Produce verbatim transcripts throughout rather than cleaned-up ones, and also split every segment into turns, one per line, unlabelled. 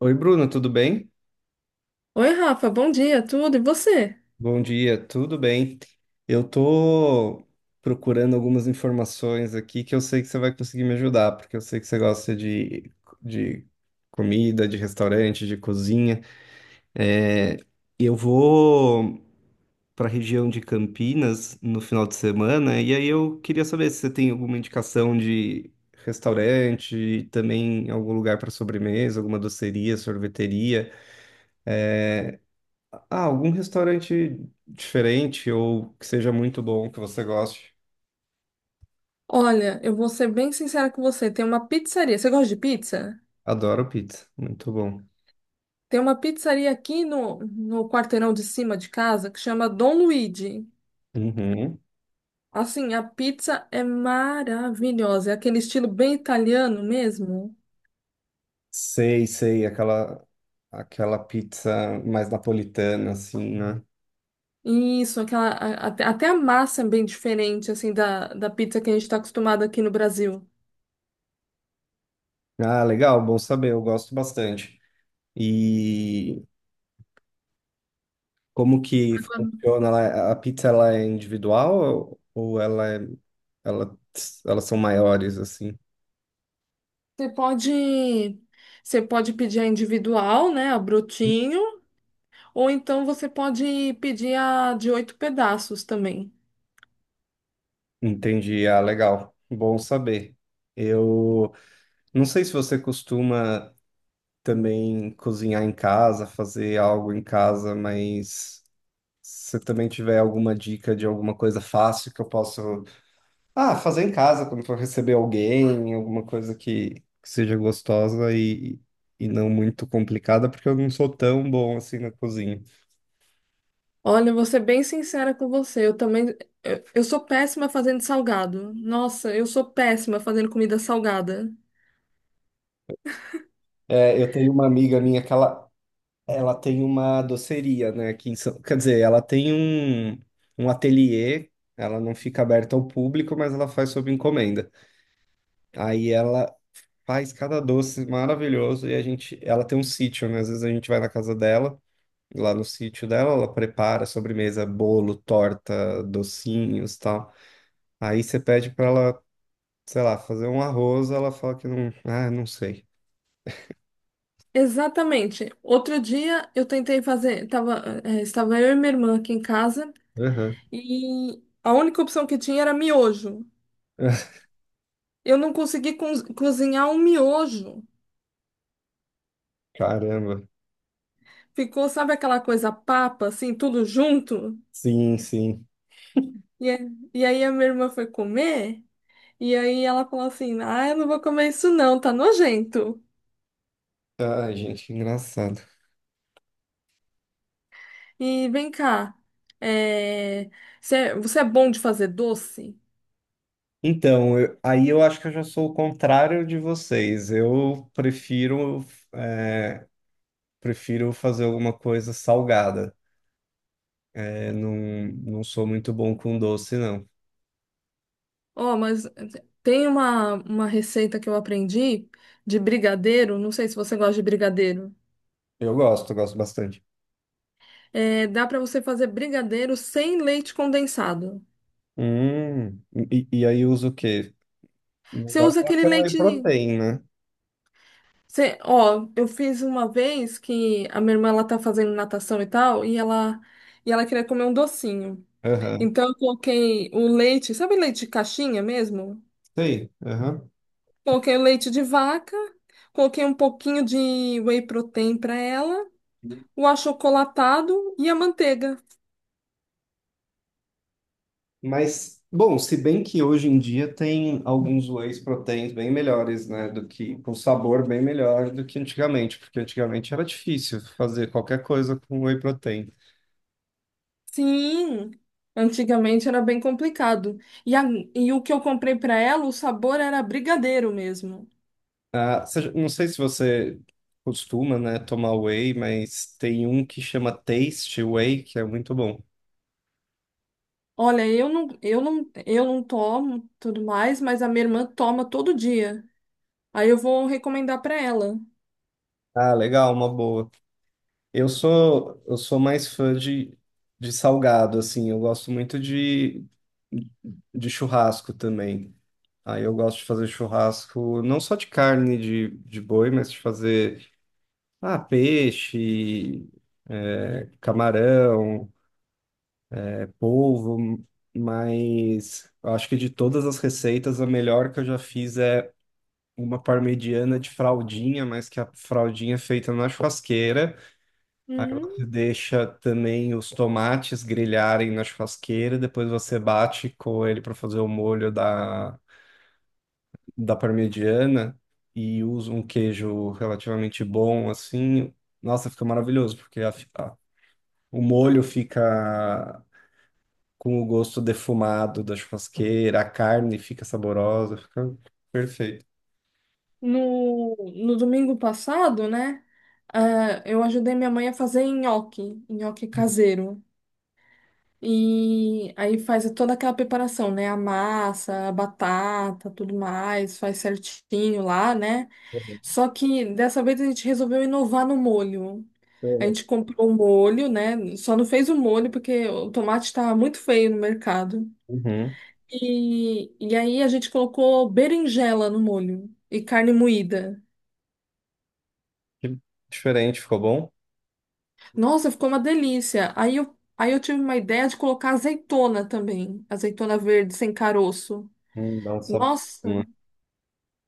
Oi, Bruno, tudo bem?
Oi, Rafa, bom dia, tudo e você?
Bom dia, tudo bem? Eu tô procurando algumas informações aqui que eu sei que você vai conseguir me ajudar, porque eu sei que você gosta de, de comida, de restaurante, de cozinha. É, eu vou para a região de Campinas no final de semana, e aí eu queria saber se você tem alguma indicação de restaurante, também algum lugar para sobremesa, alguma doceria, sorveteria. É, Ah, algum restaurante diferente ou que seja muito bom, que você goste.
Olha, eu vou ser bem sincera com você. Tem uma pizzaria. Você gosta de pizza?
Adoro pizza, muito bom.
Tem uma pizzaria aqui no, no quarteirão de cima de casa que chama Dom Luigi.
Uhum.
Assim, a pizza é maravilhosa. É aquele estilo bem italiano mesmo.
Sei, sei, aquela aquela pizza mais napolitana assim, né?
Isso, aquela, a- até até a massa é bem diferente assim da, da pizza que a gente está acostumado aqui no Brasil.
Ah, legal, bom saber, eu gosto bastante. E como que funciona? Ela- A pizza, ela é individual ou ela é ela elas são maiores assim?
Você pode, você pode pedir a individual, né, a brotinho. Ou então você pode pedir a de oito pedaços também.
Entendi. Ah, legal. Bom saber. Eu não sei se você costuma também cozinhar em casa, fazer algo em casa, mas se você também tiver alguma dica de alguma coisa fácil que eu possa, ah, fazer em casa quando for receber alguém, alguma coisa que, que seja gostosa e, e não muito complicada, porque eu não sou tão bom assim na cozinha.
Olha, eu vou ser bem sincera com você. Eu também. Eu, eu sou péssima fazendo salgado. Nossa, eu sou péssima fazendo comida salgada.
É, eu tenho uma amiga minha que ela, ela tem uma doceria, né, aqui em São... Quer dizer, ela tem um, um ateliê, ela não fica aberta ao público, mas ela faz sob encomenda. Aí ela, Faz cada doce maravilhoso e a gente, ela tem um sítio, né? Às vezes a gente vai na casa dela, lá no sítio dela, ela prepara sobremesa, bolo, torta, docinhos, tal. Aí você pede pra ela, sei lá, fazer um arroz, ela fala que não, ah, não sei.
Exatamente. Outro dia eu tentei fazer. Tava, eh, estava eu e minha irmã aqui em casa
Aham.
e a única opção que tinha era miojo. Eu não consegui coz- cozinhar um miojo.
Caramba.
Ficou, sabe aquela coisa papa, assim, tudo junto?
Sim, sim.
E, a- e aí a minha irmã foi comer. E aí ela falou assim: "Ah, eu não vou comer isso não, tá nojento."
Ai, gente, engraçado.
E vem cá, é, você é você é bom de fazer doce?
Então, eu- aí eu acho que eu já sou o contrário de vocês. Eu prefiro, é, prefiro fazer alguma coisa salgada. Eu não, Não sou muito bom com doce, não.
Ó, mas tem uma, uma receita que eu aprendi de brigadeiro, não sei se você gosta de brigadeiro.
Eu gosto, gosto bastante.
É, dá pra você fazer brigadeiro sem leite condensado.
Hum, e, e aí uso o quê? Não
Você
vai
usa
falar
aquele
com whey
leite.
protein, né?
Você, ó, eu fiz uma vez que a minha irmã ela tá fazendo natação e tal, e ela, e ela queria comer um docinho.
Aham.
Então, eu coloquei o leite, sabe leite de caixinha mesmo?
Sei, aham.
Coloquei o leite de vaca, coloquei um pouquinho de whey protein para ela, o achocolatado e a manteiga.
Mas, bom, se bem que hoje em dia tem alguns whey proteins bem melhores, né? Do que, com sabor bem melhor do que antigamente, porque antigamente era difícil fazer qualquer coisa com whey protein.
Sim, antigamente era bem complicado. E, a- e o que eu comprei para ela, o sabor era brigadeiro mesmo.
Ah, você- não sei se você costuma, né, tomar whey, mas tem um que chama Taste Whey, que é muito bom.
Olha, eu não, eu não, eu não tomo tudo mais, mas a minha irmã toma todo dia. Aí eu vou recomendar para ela.
Ah, legal, uma boa. Eu sou eu sou mais fã de, de salgado, assim. Eu gosto muito de, de churrasco também. Aí eu gosto de fazer churrasco não só de carne de, de boi, mas de fazer ah, peixe, é, camarão, é, polvo. Mas eu acho que de todas as receitas, a melhor que eu já fiz é uma parmegiana de fraldinha, mas que a fraldinha é feita na churrasqueira. Aí você deixa também os tomates grelharem na churrasqueira, depois você bate com ele para fazer o molho da, da parmegiana e usa um queijo relativamente bom, assim. Nossa, fica maravilhoso, porque a- a- o molho fica com o gosto defumado da churrasqueira, a carne fica saborosa, fica perfeito.
No, no domingo passado, né? ah, eu ajudei minha mãe a fazer nhoque, nhoque caseiro. E aí faz toda aquela preparação, né? A massa, a batata, tudo mais, faz certinho lá, né? Só que dessa vez a gente resolveu inovar no molho. A gente comprou o molho, né? Só não fez o molho porque o tomate estava muito feio no mercado.
Uhum.
E, e aí a gente colocou berinjela no molho e carne moída.
Que diferente, ficou bom?
Nossa, ficou uma delícia. Aí eu, aí eu tive uma ideia de colocar azeitona também, azeitona verde sem caroço.
Hum, dá um sabor.
Nossa,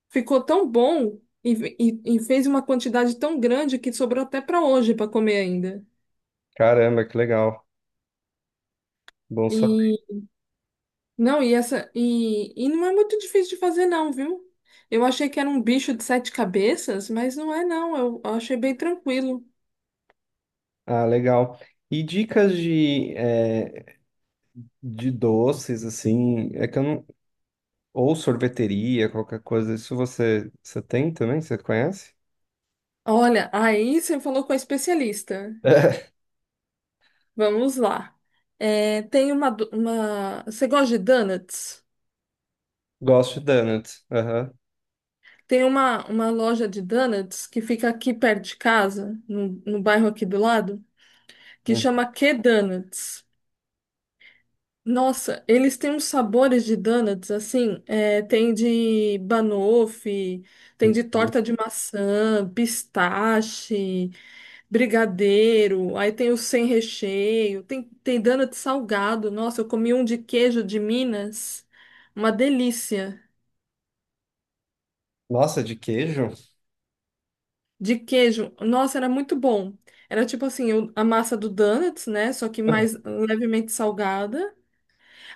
ficou tão bom e, e, e fez uma quantidade tão grande que sobrou até para hoje para comer ainda.
Caramba, que legal. Bom saber.
E não, e essa e, e não é muito difícil de fazer não, viu? Eu achei que era um bicho de sete cabeças, mas não é não. Eu, eu achei bem tranquilo.
Ah, legal. E dicas de, eh, de doces, assim, é que eu não... Ou sorveteria, qualquer coisa. Isso você, você tem também? Você conhece?
Olha, aí você falou com a especialista. Vamos lá. É, tem uma, do- uma. Você gosta de donuts?
Gosto de donuts. Aham.
Tem uma, uma loja de donuts que fica aqui perto de casa, no, no bairro aqui do lado, que chama Q Donuts. Nossa, eles têm uns sabores de donuts, assim, é, tem de banoffee, tem de
Uhum.
torta de maçã, pistache, brigadeiro, aí tem o sem recheio, tem, tem donut salgado. Nossa, eu comi um de queijo de Minas, uma delícia.
Nossa, de queijo?
De queijo, nossa, era muito bom. Era tipo assim, o- a massa do donuts, né? Só que mais levemente salgada.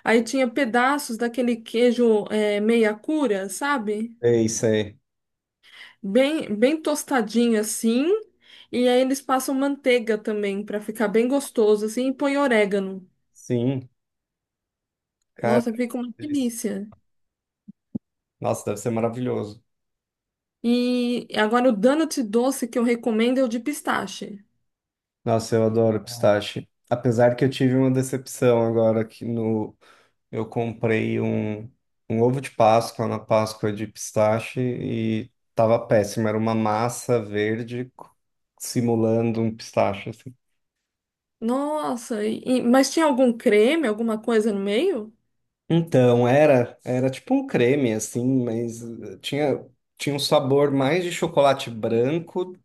Aí tinha pedaços daquele queijo, é, meia cura, sabe?
Sei, sei.
Bem, bem tostadinho assim. E aí eles passam manteiga também para ficar bem gostoso assim e põe orégano.
Sim, cara.
Nossa, fica uma
Delícia.
delícia.
Nossa, deve ser maravilhoso.
E agora o donut doce que eu recomendo é o de pistache.
Nossa, eu adoro pistache. Apesar que eu tive uma decepção agora aqui no, Eu comprei um, um ovo de Páscoa na Páscoa de pistache e tava péssimo. Era uma massa verde co- simulando um pistache, assim.
Nossa, e- e- mas tinha algum creme, alguma coisa no meio?
Então, era, era tipo um creme, assim, mas eh, tinha, tinha um sabor mais de chocolate branco,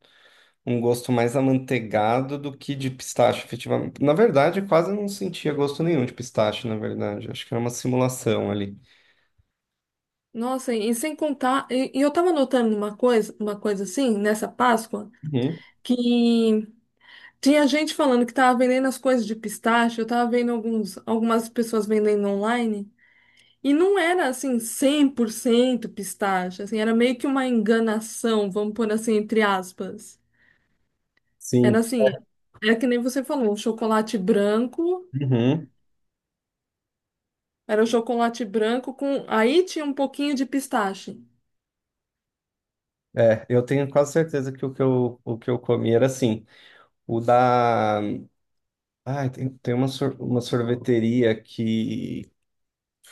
um gosto mais amanteigado do que de pistache, efetivamente. Na verdade, eu quase não sentia gosto nenhum de pistache, na verdade. Acho que era uma simulação ali.
Nossa, e, e sem contar, e, e eu tava notando uma coisa, uma coisa assim, nessa Páscoa,
Uhum.
que tinha gente falando que tava vendendo as coisas de pistache, eu tava vendo alguns, algumas pessoas vendendo online. E não era assim cem por cento pistache, assim, era meio que uma enganação, vamos pôr assim entre aspas. Era
Sim.
assim, era que nem você falou, o chocolate branco,
Uhum.
era o chocolate branco com aí tinha um pouquinho de pistache.
É, eu tenho quase certeza que o que eu, o que eu comi era assim. O da. Ai, tem, tem uma, sor- uma sorveteria que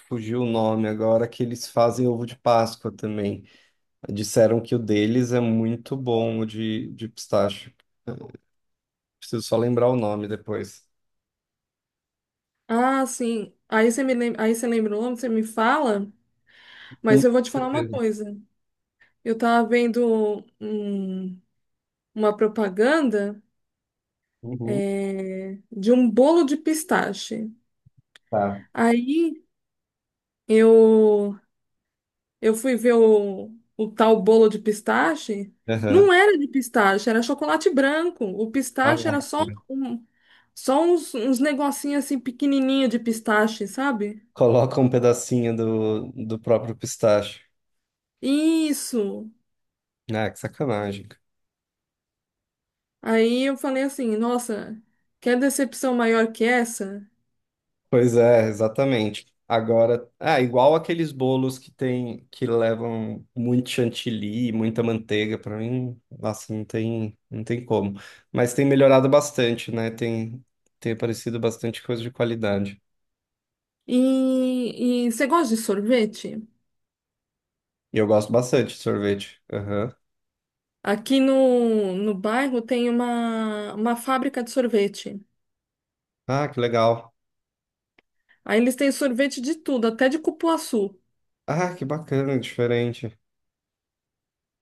fugiu o nome agora, que eles fazem ovo de Páscoa também. Disseram que o deles é muito bom, o de, de pistache. Eu preciso só lembrar o nome depois.
Ah, sim. Aí você me lem... aí você lembrou, você me fala,
Sim,
mas
com
eu vou te falar uma
certeza.
coisa. Eu tava vendo hum, uma propaganda
Uhum,
é, de um bolo de pistache.
tá.
Aí eu Eu fui ver o, o tal bolo de pistache.
Aham.
Não era de pistache, era chocolate branco. O
Ah,
pistache era só um, só uns, uns negocinhos assim pequenininho de pistache, sabe?
coloca um pedacinho do, do próprio pistache.
Isso.
Ah, que sacanagem.
Aí eu falei assim, nossa, que decepção maior que essa?
Pois é, exatamente. Agora, ah, igual aqueles bolos que tem que levam muito chantilly, muita manteiga, para mim, nossa, não tem, não tem como. Mas tem melhorado bastante, né? Tem, tem aparecido bastante coisa de qualidade.
E, e você gosta de sorvete?
E eu gosto bastante de sorvete. Aham.
Aqui no, no bairro tem uma, uma fábrica de sorvete.
Ah, que legal.
Aí eles têm sorvete de tudo, até de cupuaçu.
Ah, que bacana, diferente.